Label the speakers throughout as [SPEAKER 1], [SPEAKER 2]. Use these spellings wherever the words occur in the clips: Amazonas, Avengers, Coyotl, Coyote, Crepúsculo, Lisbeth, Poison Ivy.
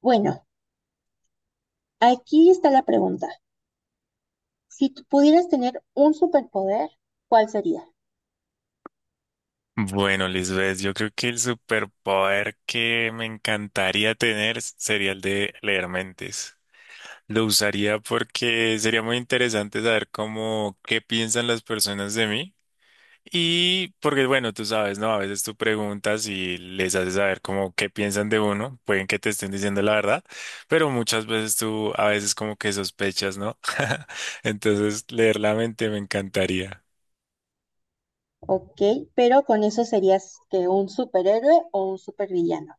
[SPEAKER 1] Bueno, aquí está la pregunta. Si tú pudieras tener un superpoder, ¿cuál sería?
[SPEAKER 2] Bueno, Lisbeth, yo creo que el superpoder que me encantaría tener sería el de leer mentes. Lo usaría porque sería muy interesante saber cómo, qué piensan las personas de mí. Y porque, bueno, tú sabes, ¿no? A veces tú preguntas y les haces saber cómo qué piensan de uno. Pueden que te estén diciendo la verdad, pero muchas veces tú a veces como que sospechas, ¿no? Entonces, leer la mente me encantaría.
[SPEAKER 1] Ok, pero con eso serías que un superhéroe o un supervillano.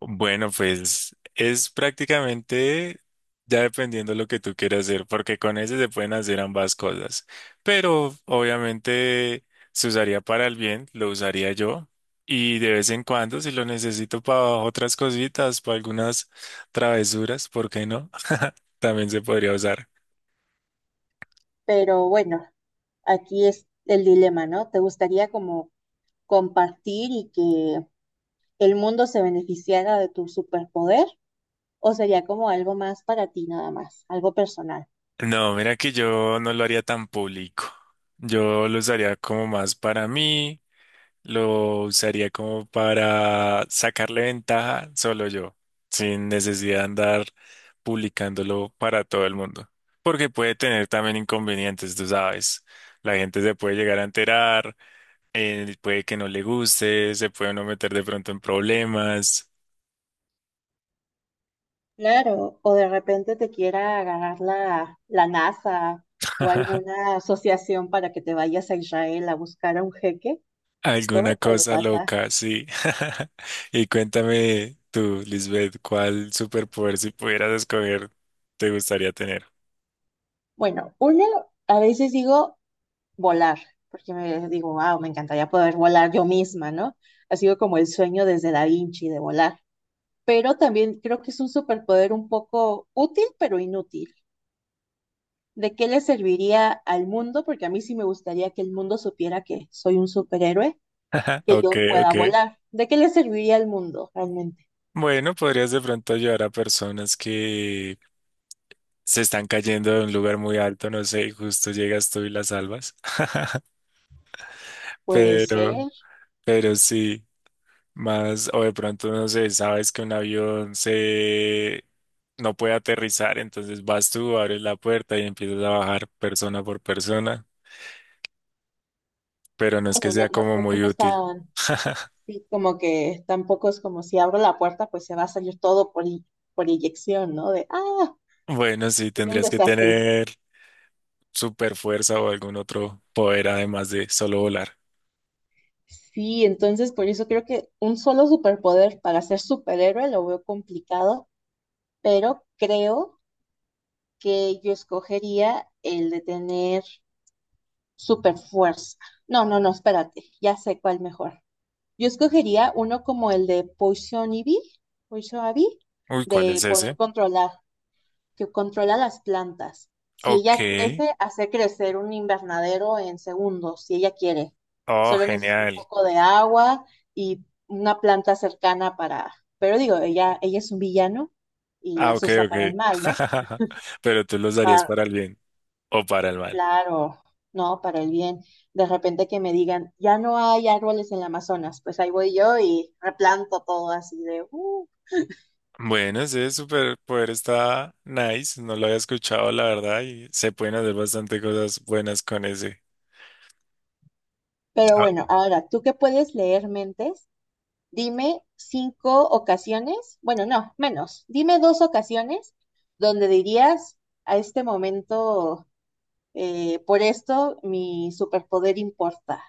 [SPEAKER 2] Bueno, pues es prácticamente ya dependiendo lo que tú quieras hacer, porque con ese se pueden hacer ambas cosas. Pero obviamente se usaría para el bien, lo usaría yo. Y de vez en cuando, si lo necesito para otras cositas, para algunas travesuras, ¿por qué no? También se podría usar.
[SPEAKER 1] Pero bueno, aquí es el dilema, ¿no? ¿Te gustaría como compartir y que el mundo se beneficiara de tu superpoder? ¿O sería como algo más para ti nada más, algo personal?
[SPEAKER 2] No, mira que yo no lo haría tan público. Yo lo usaría como más para mí. Lo usaría como para sacarle ventaja solo yo, sin necesidad de andar publicándolo para todo el mundo. Porque puede tener también inconvenientes, tú sabes. La gente se puede llegar a enterar, puede que no le guste, se puede uno meter de pronto en problemas.
[SPEAKER 1] Claro, o de repente te quiera agarrar la NASA o alguna asociación para que te vayas a Israel a buscar a un jeque,
[SPEAKER 2] Alguna
[SPEAKER 1] todo puede
[SPEAKER 2] cosa
[SPEAKER 1] pasar.
[SPEAKER 2] loca, sí. Y cuéntame tú, Lisbeth, ¿cuál superpoder si pudieras escoger te gustaría tener?
[SPEAKER 1] Bueno, uno, a veces digo volar, porque me digo, wow, me encantaría poder volar yo misma, ¿no? Ha sido como el sueño desde Da Vinci de volar, pero también creo que es un superpoder un poco útil, pero inútil. ¿De qué le serviría al mundo? Porque a mí sí me gustaría que el mundo supiera que soy un superhéroe que
[SPEAKER 2] Ok,
[SPEAKER 1] yo pueda
[SPEAKER 2] ok.
[SPEAKER 1] volar. ¿De qué le serviría al mundo realmente?
[SPEAKER 2] Bueno, podrías de pronto ayudar a personas que se están cayendo de un lugar muy alto, no sé, y justo llegas tú y las salvas.
[SPEAKER 1] Puede
[SPEAKER 2] Pero,
[SPEAKER 1] ser.
[SPEAKER 2] pero sí, más, o de pronto, no sé, sabes que un avión se no puede aterrizar, entonces vas tú, abres la puerta y empiezas a bajar persona por persona, pero no es que
[SPEAKER 1] Bueno, no,
[SPEAKER 2] sea
[SPEAKER 1] no
[SPEAKER 2] como
[SPEAKER 1] creo que
[SPEAKER 2] muy
[SPEAKER 1] no
[SPEAKER 2] útil.
[SPEAKER 1] están, sí, como que tampoco es como si abro la puerta, pues se va a salir todo por inyección, ¿no?
[SPEAKER 2] Bueno, sí,
[SPEAKER 1] Sería un
[SPEAKER 2] tendrías que
[SPEAKER 1] desastre.
[SPEAKER 2] tener super fuerza o algún otro poder además de solo volar.
[SPEAKER 1] Sí, entonces por eso creo que un solo superpoder para ser superhéroe lo veo complicado, pero creo que yo escogería el de tener super fuerza. No, no, no, espérate, ya sé cuál mejor. Yo escogería uno como el de Poison Ivy, Poison Ivy,
[SPEAKER 2] Uy, ¿cuál es
[SPEAKER 1] de poder
[SPEAKER 2] ese?
[SPEAKER 1] controlar, que controla las plantas. Si
[SPEAKER 2] Ok.
[SPEAKER 1] ella crece, hace crecer un invernadero en segundos, si ella quiere.
[SPEAKER 2] Oh,
[SPEAKER 1] Solo necesita un
[SPEAKER 2] genial.
[SPEAKER 1] poco de agua y una planta cercana para, pero digo, ella es un villano y
[SPEAKER 2] Ah,
[SPEAKER 1] las
[SPEAKER 2] ok,
[SPEAKER 1] usa para el
[SPEAKER 2] ok.
[SPEAKER 1] mal, ¿no?
[SPEAKER 2] Pero tú los darías
[SPEAKER 1] Para,
[SPEAKER 2] para el bien o para el mal.
[SPEAKER 1] claro, no, para el bien. De repente que me digan, ya no hay árboles en el Amazonas, pues ahí voy yo y replanto todo así de,
[SPEAKER 2] Bueno, ese superpoder está nice. No lo había escuchado, la verdad, y se pueden hacer bastante cosas buenas con ese.
[SPEAKER 1] pero bueno, ahora tú que puedes leer mentes, dime cinco ocasiones, bueno, no, menos, dime dos ocasiones donde dirías a este momento, por esto mi superpoder importa.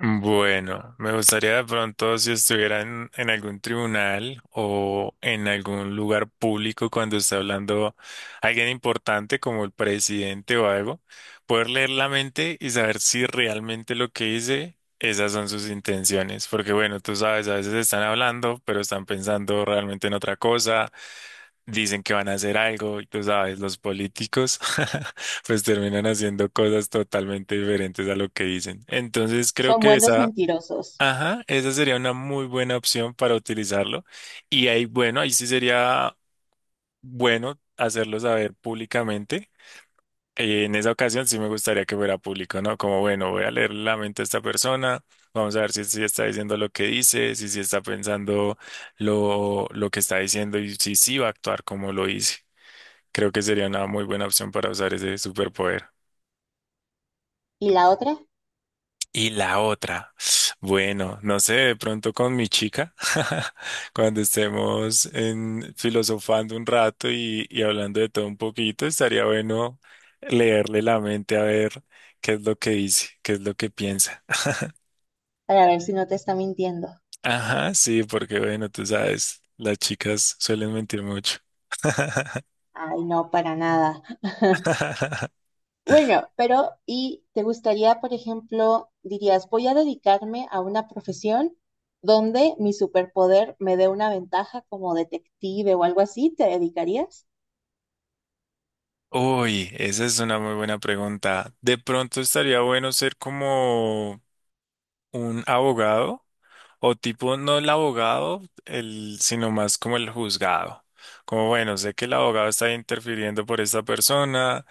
[SPEAKER 2] Bueno, me gustaría de pronto si estuvieran en algún tribunal o en algún lugar público cuando está hablando alguien importante como el presidente o algo, poder leer la mente y saber si realmente lo que dice, esas son sus intenciones. Porque bueno, tú sabes, a veces están hablando, pero están pensando realmente en otra cosa, dicen que van a hacer algo y tú sabes, los políticos. Pues terminan haciendo cosas totalmente diferentes a lo que dicen. Entonces creo
[SPEAKER 1] Son
[SPEAKER 2] que
[SPEAKER 1] buenos
[SPEAKER 2] esa.
[SPEAKER 1] mentirosos.
[SPEAKER 2] Ajá, esa sería una muy buena opción para utilizarlo. Y ahí, bueno, ahí sí sería bueno hacerlo saber públicamente. En esa ocasión sí me gustaría que fuera público, ¿no? Como, bueno, voy a leer la mente de esta persona, vamos a ver si está diciendo lo que dice, si está pensando lo que está diciendo y si sí va a actuar como lo dice. Creo que sería una muy buena opción para usar ese superpoder.
[SPEAKER 1] ¿Y la otra?
[SPEAKER 2] Y la otra, bueno, no sé, de pronto con mi chica, cuando estemos en, filosofando un rato y hablando de todo un poquito, estaría bueno leerle la mente a ver qué es lo que dice, qué es lo que piensa.
[SPEAKER 1] Para ver si no te está mintiendo.
[SPEAKER 2] Ajá, sí, porque bueno, tú sabes, las chicas suelen mentir mucho.
[SPEAKER 1] Ay, no, para nada. Bueno, pero ¿y te gustaría, por ejemplo, dirías, voy a dedicarme a una profesión donde mi superpoder me dé una ventaja como detective o algo así? ¿Te dedicarías?
[SPEAKER 2] Uy, esa es una muy buena pregunta. De pronto estaría bueno ser como un abogado. O tipo, no el abogado, el, sino más como el juzgado. Como, bueno, sé que el abogado está interfiriendo por esta persona,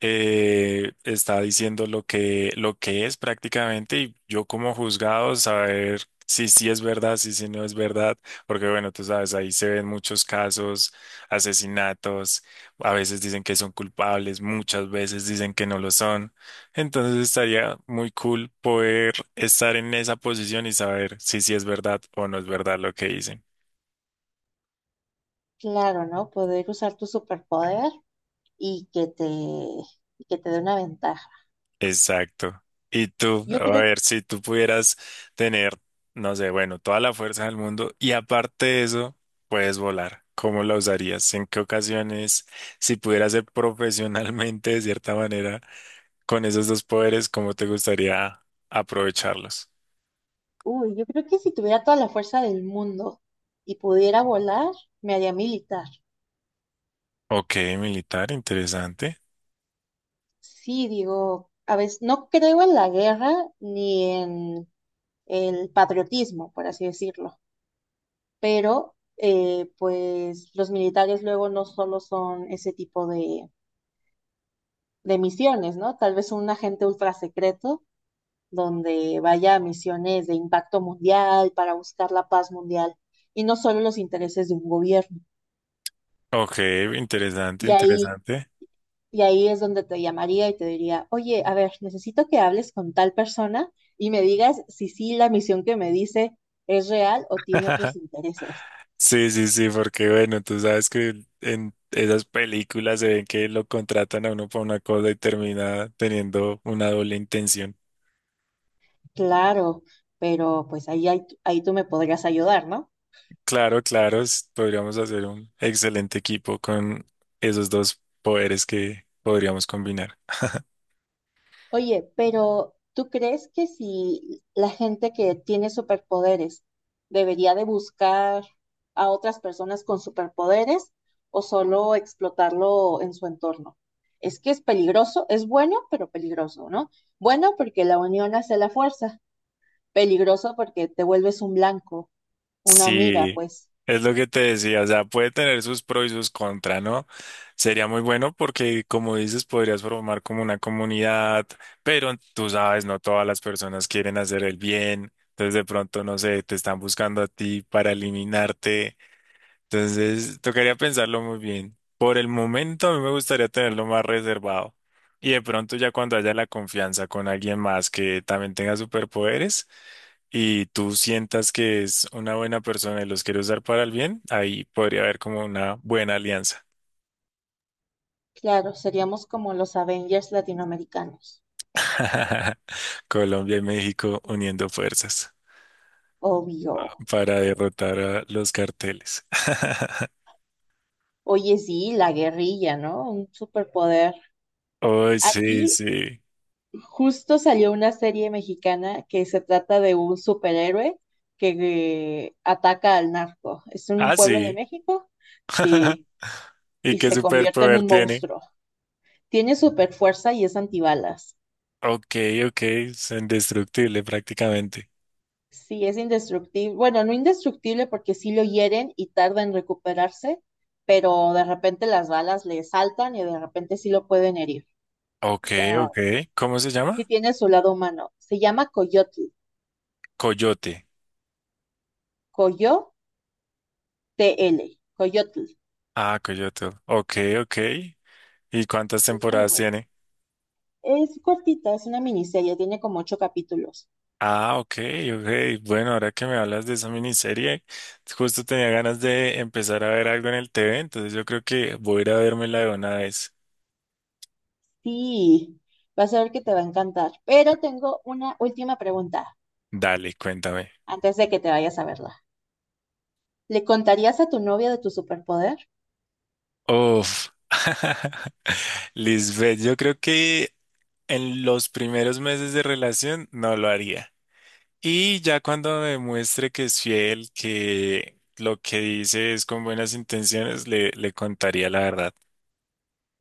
[SPEAKER 2] está diciendo lo que es prácticamente, y yo como juzgado saber si sí es verdad, si sí no es verdad, porque bueno, tú sabes, ahí se ven muchos casos, asesinatos, a veces dicen que son culpables, muchas veces dicen que no lo son. Entonces estaría muy cool poder estar en esa posición y saber si sí es verdad o no es verdad lo que dicen.
[SPEAKER 1] Claro, ¿no? Poder usar tu superpoder y que te dé una ventaja.
[SPEAKER 2] Exacto. Y tú,
[SPEAKER 1] Yo
[SPEAKER 2] a
[SPEAKER 1] creo,
[SPEAKER 2] ver, si tú pudieras tener, no sé, bueno, toda la fuerza del mundo y aparte de eso, puedes volar. ¿Cómo la usarías? ¿En qué ocasiones? Si pudieras ser profesionalmente de cierta manera con esos dos poderes, ¿cómo te gustaría aprovecharlos?
[SPEAKER 1] Uy, yo creo que si tuviera toda la fuerza del mundo y pudiera volar, me haría militar.
[SPEAKER 2] Ok, militar, interesante.
[SPEAKER 1] Sí, digo, a veces no creo en la guerra ni en el patriotismo, por así decirlo. Pero pues los militares luego no solo son ese tipo de misiones, ¿no? Tal vez un agente ultra secreto donde vaya a misiones de impacto mundial para buscar la paz mundial y no solo los intereses de un gobierno.
[SPEAKER 2] Ok, interesante,
[SPEAKER 1] Y ahí,
[SPEAKER 2] interesante.
[SPEAKER 1] y ahí es donde te llamaría y te diría, oye, a ver, necesito que hables con tal persona y me digas si sí la misión que me dice es real o tiene otros intereses.
[SPEAKER 2] Sí, sí, sí, porque bueno, tú sabes que en esas películas se ven que lo contratan a uno para una cosa y termina teniendo una doble intención.
[SPEAKER 1] Claro, pero pues ahí tú me podrías ayudar, ¿no?
[SPEAKER 2] Claro, claro, s- podríamos hacer un excelente equipo con esos dos poderes que podríamos combinar.
[SPEAKER 1] Oye, pero ¿tú crees que si la gente que tiene superpoderes debería de buscar a otras personas con superpoderes o solo explotarlo en su entorno? Es que es peligroso, es bueno, pero peligroso, ¿no? Bueno porque la unión hace la fuerza, peligroso porque te vuelves un blanco, una mira,
[SPEAKER 2] Sí,
[SPEAKER 1] pues
[SPEAKER 2] es lo que te decía, o sea, puede tener sus pros y sus contras, ¿no? Sería muy bueno porque, como dices, podrías formar como una comunidad, pero tú sabes, no todas las personas quieren hacer el bien, entonces de pronto, no sé, te están buscando a ti para eliminarte. Entonces, tocaría pensarlo muy bien. Por el momento, a mí me gustaría tenerlo más reservado. Y de pronto, ya cuando haya la confianza con alguien más que también tenga superpoderes y tú sientas que es una buena persona y los quiere usar para el bien, ahí podría haber como una buena alianza.
[SPEAKER 1] claro, seríamos como los Avengers latinoamericanos,
[SPEAKER 2] Colombia y México uniendo fuerzas
[SPEAKER 1] obvio.
[SPEAKER 2] para derrotar a los carteles.
[SPEAKER 1] Oye, sí, la guerrilla, ¿no? Un superpoder.
[SPEAKER 2] Oh, sí,
[SPEAKER 1] Aquí
[SPEAKER 2] sí.
[SPEAKER 1] justo salió una serie mexicana que se trata de un superhéroe que ataca al narco. Es en un
[SPEAKER 2] Ah,
[SPEAKER 1] pueblo de
[SPEAKER 2] sí.
[SPEAKER 1] México, sí,
[SPEAKER 2] ¿Y
[SPEAKER 1] y
[SPEAKER 2] qué
[SPEAKER 1] se convierte en
[SPEAKER 2] superpoder
[SPEAKER 1] un
[SPEAKER 2] tiene?
[SPEAKER 1] monstruo. Tiene super fuerza y es antibalas.
[SPEAKER 2] Ok, ok, es indestructible prácticamente.
[SPEAKER 1] Sí, es indestructible. Bueno, no indestructible porque sí lo hieren y tarda en recuperarse, pero de repente las balas le saltan y de repente sí lo pueden herir.
[SPEAKER 2] Ok,
[SPEAKER 1] O sea,
[SPEAKER 2] ok. ¿Cómo se
[SPEAKER 1] sí
[SPEAKER 2] llama?
[SPEAKER 1] tiene su lado humano. Se llama Coyotl,
[SPEAKER 2] Coyote.
[SPEAKER 1] Coyotl, Coyotl.
[SPEAKER 2] Ah, Coyote. Ok, ok. ¿Y cuántas
[SPEAKER 1] Es muy
[SPEAKER 2] temporadas
[SPEAKER 1] buena.
[SPEAKER 2] tiene?
[SPEAKER 1] Es cortita, es una miniserie, tiene como ocho capítulos.
[SPEAKER 2] Ah, ok, ok. Bueno, ahora que me hablas de esa miniserie, justo tenía ganas de empezar a ver algo en el TV, entonces yo creo que voy a ir a vérmela de una vez.
[SPEAKER 1] Sí, vas a ver que te va a encantar. Pero tengo una última pregunta
[SPEAKER 2] Dale, cuéntame.
[SPEAKER 1] antes de que te vayas a verla. ¿Le contarías a tu novia de tu superpoder?
[SPEAKER 2] Uf. Lisbeth, yo creo que en los primeros meses de relación no lo haría. Y ya cuando demuestre que es fiel, que lo que dice es con buenas intenciones, le contaría la verdad.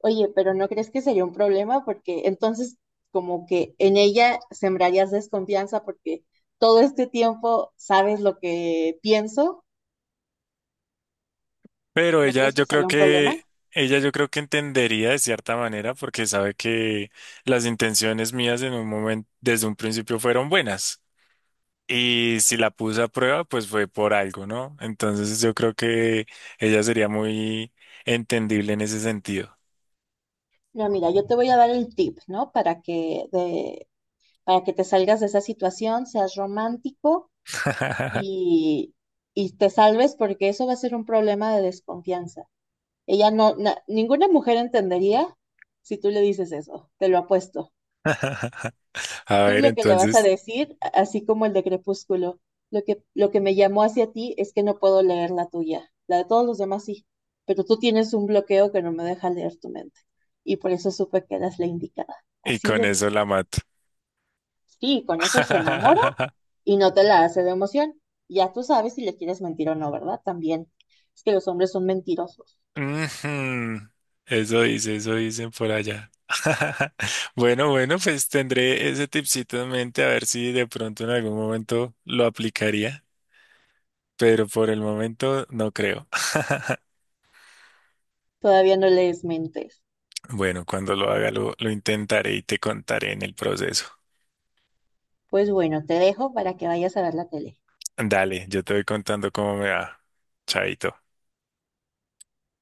[SPEAKER 1] Oye, pero ¿no crees que sería un problema? Porque entonces como que en ella sembrarías desconfianza porque todo este tiempo sabes lo que pienso.
[SPEAKER 2] Pero
[SPEAKER 1] ¿No
[SPEAKER 2] ella,
[SPEAKER 1] crees
[SPEAKER 2] yo
[SPEAKER 1] que
[SPEAKER 2] creo
[SPEAKER 1] sería un problema?
[SPEAKER 2] que, ella yo creo que entendería de cierta manera porque sabe que las intenciones mías en un momento, desde un principio fueron buenas. Y si la puse a prueba, pues fue por algo, ¿no? Entonces yo creo que ella sería muy entendible en ese sentido.
[SPEAKER 1] Pero mira, yo te voy a dar el tip, ¿no? Para que, para que te salgas de esa situación, seas romántico y, y te salves, porque eso va a ser un problema de desconfianza. Ella no, ninguna mujer entendería si tú le dices eso, te lo apuesto.
[SPEAKER 2] A
[SPEAKER 1] Tú
[SPEAKER 2] ver,
[SPEAKER 1] lo que le vas a
[SPEAKER 2] entonces,
[SPEAKER 1] decir, así como el de Crepúsculo, lo que me llamó hacia ti es que no puedo leer la tuya, la de todos los demás sí, pero tú tienes un bloqueo que no me deja leer tu mente. Y por eso supe que eras la indicada.
[SPEAKER 2] y
[SPEAKER 1] Así
[SPEAKER 2] con
[SPEAKER 1] le
[SPEAKER 2] eso
[SPEAKER 1] dices.
[SPEAKER 2] la mato.
[SPEAKER 1] Sí, con eso se enamora y no te la hace de emoción. Ya tú sabes si le quieres mentir o no, ¿verdad? También. Es que los hombres son mentirosos.
[SPEAKER 2] Ujú. Eso dice, eso dicen por allá. Bueno, bueno, pues tendré ese tipcito en mente a ver si de pronto en algún momento lo aplicaría, pero por el momento no creo.
[SPEAKER 1] Todavía no les mentes.
[SPEAKER 2] Bueno, cuando lo haga lo intentaré y te contaré en el proceso.
[SPEAKER 1] Pues bueno, te dejo para que vayas a ver la tele.
[SPEAKER 2] Dale, yo te voy contando cómo me va. Chaito.